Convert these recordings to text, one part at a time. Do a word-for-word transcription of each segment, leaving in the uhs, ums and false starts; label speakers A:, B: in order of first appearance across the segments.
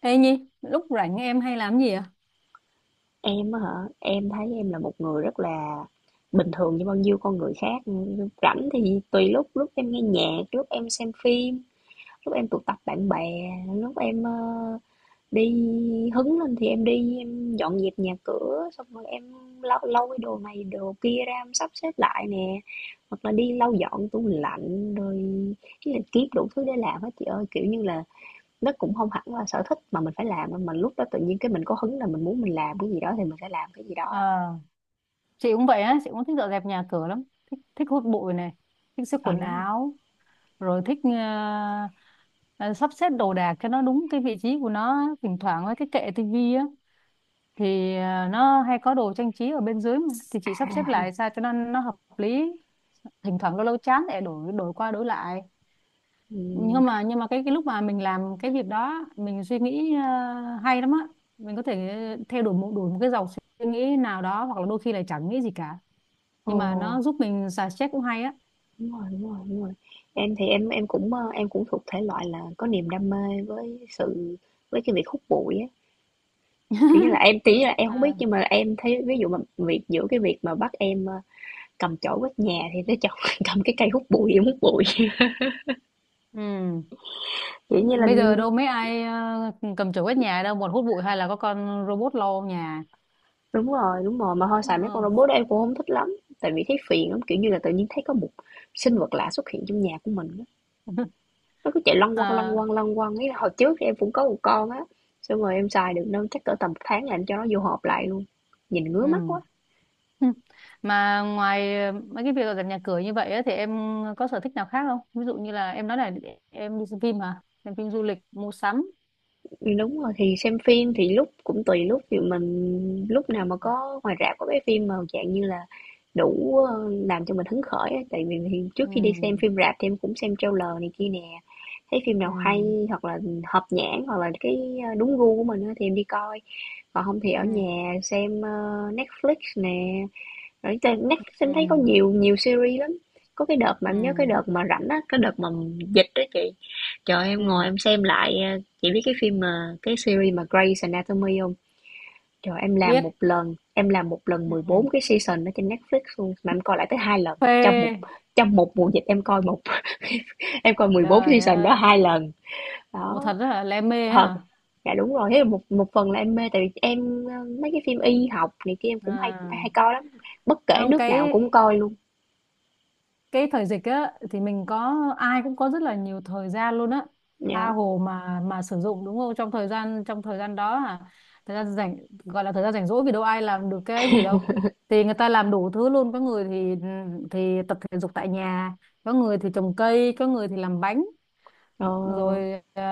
A: Ê Nhi, lúc rảnh em hay làm gì à?
B: Em á hả? Em thấy em là một người rất là bình thường như bao nhiêu con người khác. Rảnh thì tùy lúc, lúc em nghe nhạc, lúc em xem phim, lúc em tụ tập bạn bè, lúc em ờ, đi hứng lên thì em đi em dọn dẹp nhà cửa, xong rồi em lau lau cái đồ này đồ kia ra em sắp xếp lại nè, hoặc là đi lau dọn tủ lạnh rồi cái là kiếm đủ thứ để làm hết chị ơi, kiểu như là nó cũng không hẳn là sở thích mà mình phải làm đâu, mà mình lúc đó tự nhiên cái mình có hứng là mình muốn mình làm cái gì đó thì mình sẽ làm cái gì đó.
A: Ờ, chị cũng vậy á, chị cũng thích dọn dẹp nhà cửa lắm. Thích, thích hút bụi này, thích xếp
B: Ờ à. Ờ,
A: quần
B: đúng rồi
A: áo, rồi thích ờ, ờ, sắp xếp đồ đạc cho nó đúng cái vị trí của nó. Thỉnh thoảng với cái kệ tivi á, thì ờ, nó hay có đồ trang trí ở bên dưới mà. Thì chị sắp xếp
B: ha.
A: lại sao cho nó nó hợp lý. Thỉnh thoảng lâu lâu chán để đổi đổi qua đổi lại.
B: ừm,
A: nhưng mà nhưng mà cái cái lúc mà mình làm cái việc đó mình suy nghĩ ờ, hay lắm á, mình có thể theo đuổi một đuổi một cái dòng suy nghĩ nào đó, hoặc là đôi khi là chẳng nghĩ gì cả,
B: Ồ,
A: nhưng mà nó giúp mình xả stress cũng hay á.
B: đúng rồi, đúng rồi, đúng rồi. Em thì em em cũng, ơ, em cũng thuộc thể loại là có niềm đam mê với sự với cái việc hút bụi á. Kiểu như là, em tí là em không biết
A: À,
B: nhưng mà em thấy ví dụ mà việc giữa cái việc mà bắt em, ơ, cầm chổi quét nhà thì tới chọn cầm cái cây hút bụi em hút bụi.
A: ừ.
B: Kiểu như là
A: Bây giờ đâu mấy ai ờ, cầm chổi quét nhà đâu, một hút bụi hay là có con robot lau nhà.
B: đúng rồi, đúng rồi, mà thôi xài mấy con
A: Ừ.
B: robot đó em cũng không thích lắm. Tại vì thấy phiền lắm, kiểu như là tự nhiên thấy có một sinh vật lạ xuất hiện trong nhà của mình á. Nó cứ chạy lăn quăng lăn
A: À,
B: quăng lăn quăng ấy. Hồi trước thì em cũng có một con á. Xong rồi em xài được đâu chắc cỡ tầm một tháng là em cho nó vô hộp lại luôn. Nhìn ngứa
A: ừ.
B: mắt quá.
A: Ừ. Mà ngoài ờ, mấy cái việc dọn nhà cửa như vậy á, thì em có sở thích nào khác không? Ví dụ như là em nói là em đi xem phim hả? Xem phim, du lịch, mua sắm.
B: Ừm, đúng rồi, thì xem phim thì lúc cũng tùy lúc, ví mình lúc nào mà có ngoài rạp có cái phim mà dạng như là đủ, ơ, làm cho mình hứng khởi á, tại vì thì trước
A: Ừ.
B: khi đi xem phim rạp thì em cũng xem trailer này kia nè, thấy phim
A: Ừ.
B: nào hay hoặc là hợp nhãn hoặc là cái, a, đúng gu của mình á thì em đi coi. Còn không thì ở
A: Ừ.
B: nhà xem, ơ, Netflix nè, rồi trên Netflix
A: Ừ.
B: em thấy có nhiều nhiều series lắm. Có cái đợt mà
A: Ừ.
B: em nhớ cái đợt mà rảnh á, cái đợt mà dịch đó chị. Trời ơi, em ngồi
A: Ừ.
B: em xem lại ờ, chị biết cái phim mà cái series mà Grey's Anatomy không? Trời em làm
A: Biết.
B: một lần, em làm một lần
A: Ừ.
B: mười bốn cái season ở trên Netflix luôn mà em coi lại tới hai lần trong một
A: Phê.
B: trong một mùa dịch em coi một em coi mười bốn
A: Trời
B: season đó
A: ơi.
B: hai lần.
A: Ủa
B: Đó,
A: thật rất là lem mê ấy
B: thật.
A: hả?
B: Dạ đúng rồi, thế là một một phần là em mê tại vì em ờ, mấy cái phim y học này kia em cũng hay
A: À.
B: hay coi lắm. Bất kể
A: Không,
B: nước nào
A: cái
B: cũng coi luôn.
A: cái thời dịch á thì mình có ai cũng có rất là nhiều thời gian luôn á, tha
B: Dạ.
A: hồ mà mà sử dụng đúng không, trong thời gian trong thời gian đó à, thời gian rảnh, gọi là thời gian rảnh rỗi vì đâu ai làm được cái gì đâu, thì người ta làm đủ thứ luôn, có người thì thì tập thể dục tại nhà, có người thì trồng cây, có người thì làm bánh,
B: Ờ,
A: rồi ờ,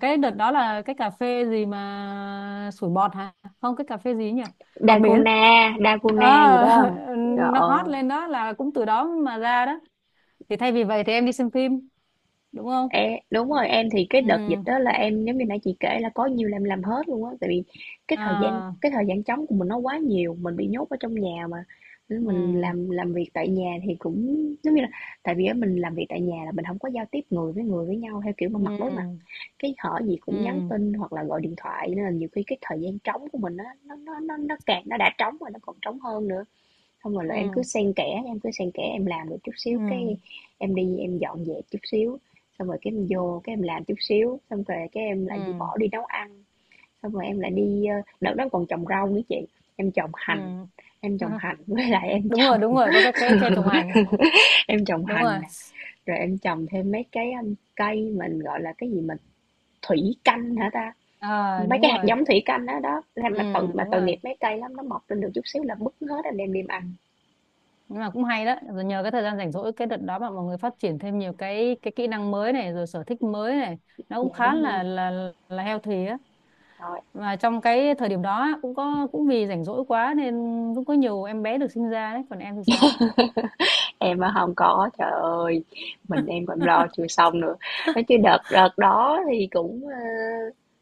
A: cái đợt đó là cái cà phê gì mà sủi bọt hả, không cái cà phê gì nhỉ, bọt biển.
B: Dalgona,
A: Ờ,
B: Dalgona gì đó.
A: nó hot
B: Rồi,
A: lên đó là cũng từ đó mà ra đó, thì thay vì vậy thì em đi xem phim, đúng không.
B: e- đúng rồi, em thì cái
A: Ừ.
B: đợt dịch đó là em giống như nãy chị kể là có nhiều làm làm hết luôn á tại vì cái thời gian
A: À.
B: cái thời gian trống của mình nó quá nhiều, mình bị nhốt ở trong nhà mà. Nên mình
A: Ừ.
B: làm làm việc tại nhà thì cũng giống như là tại vì á, mình làm việc tại nhà là mình không có giao tiếp người với người với nhau theo kiểu mà
A: Ừ.
B: mặt đối mặt. Cái hỏi gì cũng nhắn
A: Ừ.
B: tin hoặc là gọi điện thoại nên là nhiều khi cái thời gian trống của mình á nó nó nó nó càng nó đã trống rồi nó còn trống hơn nữa. Xong rồi là em cứ
A: Ừ.
B: xen kẽ, em cứ xen kẽ em làm được chút xíu,
A: Ừ.
B: cái em đi em dọn dẹp chút xíu, xong rồi cái em vô cái em làm chút xíu, xong rồi cái em lại đi
A: Ừ.
B: bỏ đi nấu ăn, xong rồi em lại đi ờ, đợt đó còn trồng rau nữa chị, em trồng
A: Ừ.
B: hành, em trồng hành với lại em
A: Đúng rồi, đúng
B: trồng
A: rồi, có cái cái tre trồng hành.
B: em trồng
A: Đúng rồi.
B: hành nè, rồi em trồng thêm mấy cái um, cây mình gọi là cái gì mà thủy canh hả ta?
A: À,
B: Mấy
A: đúng
B: cái hạt
A: rồi.
B: giống thủy canh đó đó. Thế
A: Ừ,
B: mà tội mà
A: đúng
B: tội
A: rồi.
B: nghiệp mấy cây lắm nó mọc lên được chút xíu là bứt hết anh đem đi ăn.
A: Nhưng mà cũng hay đó, rồi nhờ cái thời gian rảnh rỗi cái đợt đó mà mọi người phát triển thêm nhiều cái cái kỹ năng mới này, rồi sở thích mới này, nó cũng
B: Dạ
A: khá
B: đúng rồi.
A: là là là healthy á.
B: Trời.
A: Và trong cái thời điểm đó á, cũng có cũng vì rảnh rỗi quá nên cũng có nhiều em bé được sinh ra đấy, còn em thì sao?
B: Em á không có, trời ơi, mình em còn lo chưa xong nữa. Nói chứ đợt đợt đó thì cũng, ơ,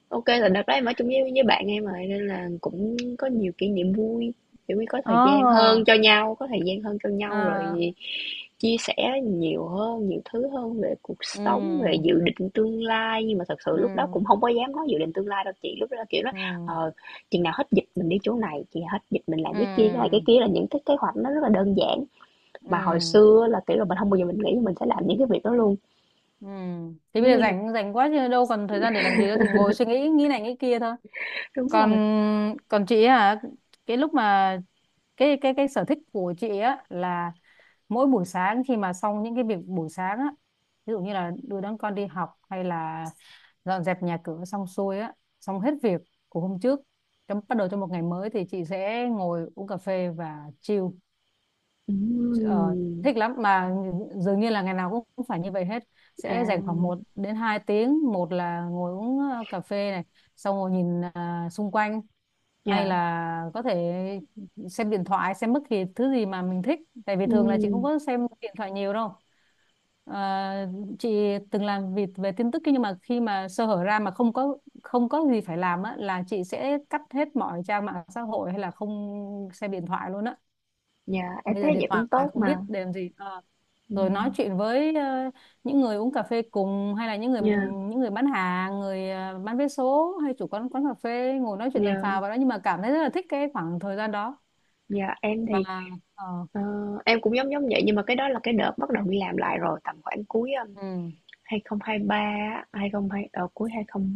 B: ô là đợt đó em ở chung với với bạn em rồi nên là cũng có nhiều kỷ niệm vui, kiểu như, có thời gian
A: Ồ,
B: hơn cho nhau, có thời gian hơn cho nhau
A: à,
B: rồi chia sẻ nhiều hơn, nhiều thứ hơn về cuộc sống, về
A: ừ,
B: dự định tương lai. Nhưng mà thật sự lúc đó
A: ừ,
B: cũng không có dám nói dự định tương lai đâu chị, lúc đó, kiểu, nói:
A: ừ,
B: "Ờ, chừng nào hết dịch mình đi chỗ này, chừng nào hết dịch mình làm cái kia." Cái này cái
A: ừ,
B: kia là những cái kế hoạch nó rất là đơn giản. Mà hồi
A: ừ,
B: xưa là, kiểu là, mình không bao giờ mình nghĩ mình sẽ làm những cái việc đó luôn,
A: ừ. Thế bây
B: giống
A: giờ
B: như là
A: rảnh rảnh quá chứ đâu còn thời gian để làm gì nữa thì ngồi suy nghĩ, nghĩ này nghĩ kia thôi.
B: đúng
A: Còn
B: rồi.
A: còn chị ấy hả? Cái lúc mà, cái cái cái sở thích của chị á là mỗi buổi sáng khi mà xong những cái việc buổi sáng á, ví dụ như là đưa đón con đi học hay là dọn dẹp nhà cửa xong xuôi á, xong hết việc của hôm trước, trong bắt đầu cho một ngày mới thì chị sẽ ngồi uống cà phê và chill. Ờ,
B: Ừm,
A: Thích lắm mà, dường như là ngày nào cũng phải như vậy hết,
B: à,
A: sẽ dành khoảng một đến hai tiếng, một là ngồi uống ờ, cà phê này, xong ngồi nhìn à, xung quanh, hay
B: yeah,
A: là có thể xem điện thoại, xem bất kỳ thứ gì mà mình thích, tại vì thường là chị không
B: ừm,
A: có xem điện thoại nhiều đâu. Ờ, chị từng làm việc về tin tức nhưng mà khi mà sơ hở ra mà không có không có gì phải làm á là chị sẽ cắt hết mọi trang mạng xã hội hay là không xem điện thoại luôn á,
B: yeah, em
A: bây
B: thấy
A: giờ điện
B: vậy
A: thoại
B: cũng tốt
A: không
B: mà.
A: biết để làm gì. Ờ Rồi nói
B: Ừm,
A: chuyện với ờ, những người uống cà phê cùng, hay là những người
B: yeah,
A: những người bán hàng, người ờ, bán vé số, hay chủ quán quán cà phê ngồi nói chuyện tầm
B: yeah,
A: phào vào đó, nhưng mà cảm thấy rất là thích cái khoảng thời gian đó
B: yeah. Em
A: mà.
B: thì,
A: ờ,
B: ờ, em cũng giống giống vậy nhưng mà cái đó là cái đợt bắt đầu đi làm lại rồi, tầm khoảng cuối, ơ,
A: ừ,
B: hai không hai ba á, hai không hai không ờ, cuối hai mươi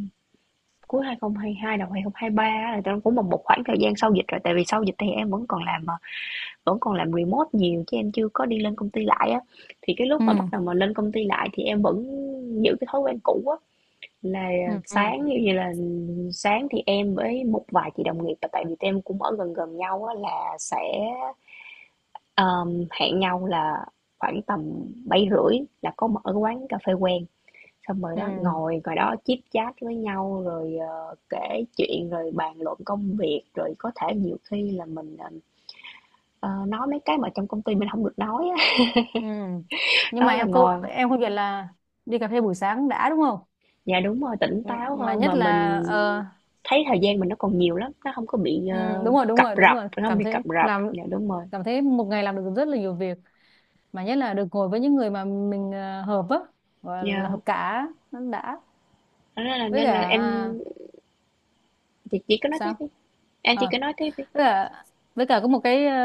B: cuối hai không hai hai, đầu hai không hai ba á là tụi em cũng một một khoảng thời gian sau dịch rồi, tại vì sau dịch thì em vẫn còn làm, ờ, vẫn còn làm remote nhiều chứ em chưa có đi lên công ty lại á thì cái lúc
A: ừ,
B: mà bắt đầu mà lên công ty lại thì em vẫn giữ cái thói quen cũ á là
A: ừ, ừ,
B: sáng như vậy là sáng thì em với một vài chị đồng nghiệp và tại vì tụi em cũng ở gần gần nhau á là sẽ um, hẹn nhau là khoảng tầm bảy rưỡi là có mở cái quán cà phê quen xong rồi
A: ừ,
B: đó ngồi ngồi đó chit chat với nhau rồi ờ, kể chuyện rồi bàn luận công việc rồi có thể nhiều khi là mình ờ, nói mấy cái mà trong công ty mình không được nói á.
A: ừ. Nhưng
B: Đó
A: mà
B: là
A: em cô
B: ngồi
A: em không biết là đi cà phê buổi sáng đã, đúng không?
B: dạ, đúng rồi, tỉnh
A: Ừ,
B: táo
A: mà
B: hơn
A: nhất
B: mà
A: là
B: mình
A: ờ,
B: thấy thời gian mình nó còn nhiều lắm, nó không có bị,
A: ừ,
B: ờ,
A: đúng rồi, đúng
B: cập
A: rồi, đúng
B: rập,
A: rồi,
B: nó không
A: cảm
B: bị cập
A: thấy
B: rập.
A: làm
B: Dạ, đúng rồi.
A: cảm thấy một ngày làm được rất là nhiều việc, mà nhất là được ngồi với những người mà mình ờ, hợp á, gọi là
B: Yeah,
A: hợp cả, nó đã.
B: thế nên là
A: Với
B: nên là
A: cả,
B: em
A: à,
B: chị chị cứ nói tiếp
A: sao?
B: đi, em chỉ
A: Ờ,
B: cứ nói tiếp đi.
A: với cả với cả có một cái ờ,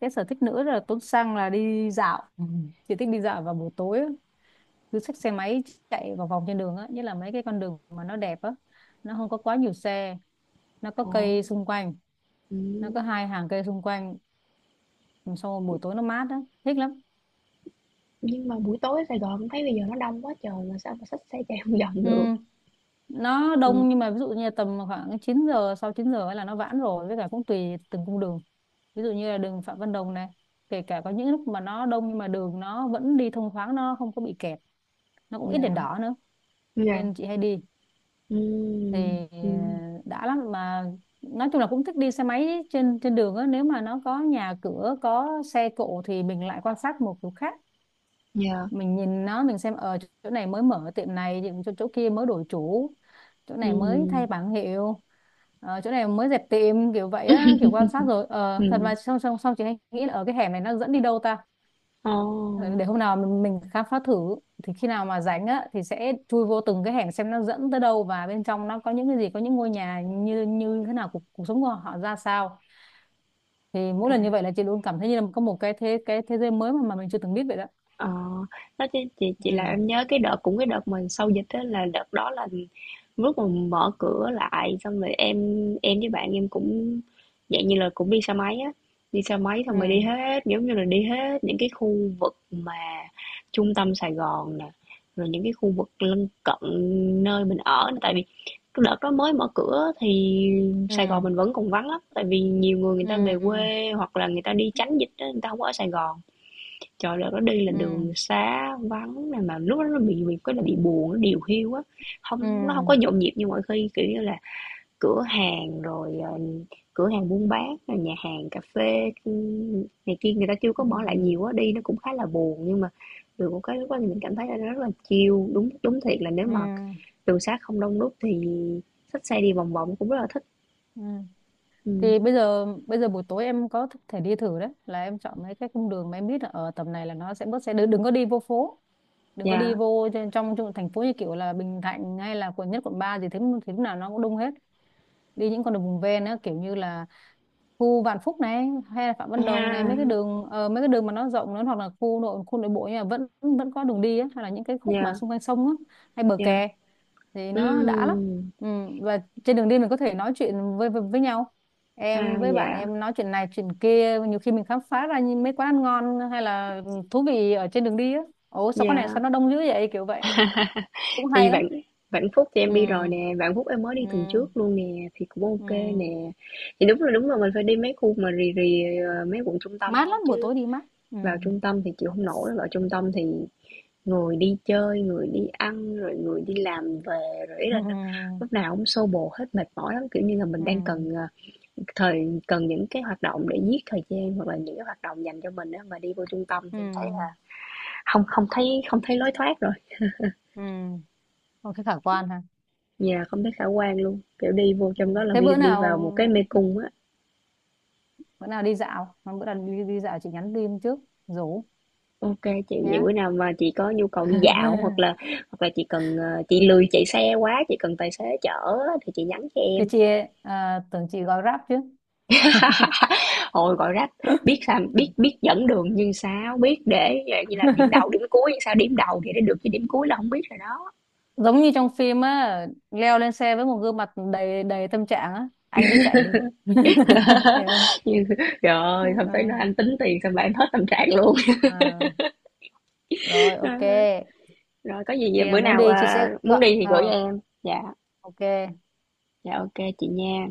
A: cái sở thích nữa là Tuấn Sang là đi dạo. Ừ. Chị thích đi dạo vào buổi tối á, cứ xách xe máy chạy vòng vòng trên đường á, nhất là mấy cái con đường mà nó đẹp á, nó không có quá nhiều xe, nó có
B: Ồ,
A: cây xung quanh, nó có
B: ừm,
A: hai hàng cây xung quanh, sau buổi tối nó mát á, thích lắm.
B: nhưng mà buổi tối ở Sài Gòn em thấy bây giờ nó đông quá trời mà sao mà xách xe chạy không vòng
A: Ừ,
B: được.
A: nó
B: Ừm,
A: đông, nhưng mà ví dụ như là tầm khoảng chín giờ, sau chín giờ ấy là nó giãn rồi, với cả cũng tùy từng cung đường. Ví dụ như là đường Phạm Văn Đồng này, kể cả có những lúc mà nó đông nhưng mà đường nó vẫn đi thông thoáng, nó không có bị kẹt, nó cũng ít đèn
B: yeah,
A: đỏ nữa,
B: yeah,
A: nên chị hay đi.
B: ừm,
A: Thì ờ,
B: ừm,
A: đã lắm mà, nói chung là cũng thích đi xe máy trên trên đường á, nếu mà nó có nhà cửa, có xe cộ thì mình lại quan sát một kiểu khác,
B: yeah,
A: mình nhìn nó, mình xem ở chỗ này mới mở tiệm này, chỗ, chỗ kia mới đổi chủ, chỗ này mới
B: ừm,
A: thay bảng hiệu, ờ, chỗ này mới dẹp tiệm, kiểu vậy á, kiểu quan sát, rồi ờ, thật
B: ừm.
A: mà, xong xong xong chị hay nghĩ là ở cái hẻm này nó dẫn đi đâu ta.
B: Ồ,
A: Ờ, để hôm nào mình, mình khám phá thử, thì khi nào mà rảnh á thì sẽ chui vô từng cái hẻm, xem nó dẫn tới đâu và bên trong nó có những cái gì, có những ngôi nhà như như thế nào, cuộc, cuộc sống của họ ra sao, thì mỗi lần như
B: à.
A: vậy là chị luôn cảm thấy như là có một cái thế cái thế giới mới mà mà mình chưa từng biết vậy đó.
B: Ờ, nói chứ chị
A: Ừ.
B: chị là em nhớ cái đợt cũng cái đợt mà sau dịch á là đợt đó là lúc mà mở cửa lại xong rồi em em với bạn em cũng dạng như là cũng đi xe máy á đi xe máy
A: Ừ.
B: xong rồi đi hết giống như là đi hết những cái khu vực mà trung tâm Sài Gòn nè rồi những cái khu vực lân cận nơi mình ở nè tại vì cái đợt đó mới mở cửa thì
A: Ừ.
B: Sài Gòn mình vẫn còn vắng lắm tại vì nhiều người người ta về
A: Ừ.
B: quê hoặc là người ta đi tránh dịch á người ta không có ở Sài Gòn. Trời, là nó đi là
A: Ừ.
B: đường xá vắng này mà lúc đó nó bị bị cái là bị buồn, nó điều hiu á,
A: Ừ.
B: không nó không có nhộn nhịp như mọi khi, kiểu như là, cửa hàng rồi, ờ, cửa hàng buôn bán, rồi nhà hàng cà phê, ừ, này kia người ta chưa có
A: Ừ.
B: mở lại nhiều á, đi nó cũng khá là buồn. Nhưng mà được một cái lúc đó thì mình cảm thấy là nó rất là chill, đúng đúng thiệt là nếu
A: Ừ.
B: mà đường xá không đông đúc thì xách xe đi vòng vòng cũng rất là thích.
A: Ừ.
B: Ừm,
A: Thì bây giờ bây giờ buổi tối em có thể đi thử đấy, là em chọn mấy cái cung đường mà em biết là ở tầm này là nó sẽ bớt xe, đừng, đừng có đi vô phố, đừng có đi
B: dạ,
A: vô trên- trong, trong thành phố như kiểu là Bình Thạnh hay là quận nhất, quận ba gì thế, thì lúc nào nó cũng đông hết. Đi những con đường vùng ven á, kiểu như là khu Vạn Phúc này hay là Phạm Văn Đồng này, mấy cái
B: à,
A: đường ờ, mấy cái đường mà nó rộng nữa, hoặc là khu nội khu nội bộ nhưng mà vẫn vẫn có đường đi á, hay là những cái khúc mà
B: yeah,
A: xung quanh sông á, hay bờ
B: yeah,
A: kè, thì nó đã lắm.
B: ừm,
A: Ừ. Và trên đường đi mình có thể nói chuyện với, với với nhau, em
B: à,
A: với bạn
B: dạ,
A: em nói chuyện này chuyện kia, nhiều khi mình khám phá ra những mấy quán ăn ngon hay là thú vị ở trên đường đi á, ồ sao quán này
B: yeah.
A: sao nó đông dữ vậy, kiểu vậy, cũng
B: Thì
A: hay lắm.
B: Vạn Vạn Phúc thì em
A: Ừ.
B: đi rồi nè, Vạn Phúc em mới đi tuần
A: Ừ.
B: trước luôn nè, thì cũng
A: Ừ.
B: OK nè. Thì đúng là đúng là mình phải đi mấy khu mà rì rì ờ, mấy quận trung tâm
A: Mát
B: thôi
A: lắm, buổi tối
B: chứ
A: đi mát. Ừ.
B: vào trung tâm thì chịu không nổi, vào trung tâm thì người đi chơi, người đi ăn rồi người đi làm về rồi ý là nó, lúc nào cũng xô bồ hết mệt mỏi lắm kiểu như là mình
A: Ừ.
B: đang cần ờ,
A: Ừ.
B: thời cần những cái hoạt động để giết thời gian hoặc là những cái hoạt động dành cho mình á mà đi vô trung tâm
A: Ừ.
B: thì em thấy là không không thấy không thấy lối thoát.
A: Ừ. Không thấy khả quan ha.
B: Dạ, không thấy khả quan luôn, kiểu, đi vô
A: Ừ.
B: trong đó là
A: Thế
B: đi
A: bữa
B: đi vào
A: nào
B: một cái mê cung á.
A: bữa nào đi dạo, bữa nào đi, đi dạo chị nhắn tin trước, rủ
B: OK chị, vậy bữa
A: nhá.
B: nào mà chị có nhu cầu đi dạo hoặc là hoặc là chị cần, ờ, chị lười chạy xe quá, chị cần tài xế chở á thì chị nhắn cho
A: Thưa
B: em.
A: chị. À, tưởng chị gọi Grab chứ.
B: Hồi gọi rách, biết sao biết biết dẫn đường nhưng sao biết để dạng như là điểm đầu, điểm cuối, sao điểm đầu thì để được chứ điểm cuối là không biết rồi đó.
A: Giống như trong phim á, leo lên xe với một gương mặt đầy đầy tâm trạng á, anh cứ chạy đi. Hiểu không.
B: Nhưng
A: Ừ.
B: trời không phải nói anh tính tiền xong là em hết tâm trạng luôn.
A: À, rồi ok,
B: Rồi có gì
A: khi nào
B: bữa
A: muốn
B: nào,
A: đi chị
B: à,
A: sẽ
B: muốn
A: gọi
B: đi thì gửi
A: ờ
B: em. Dạ,
A: ok.
B: dạ ok chị nha.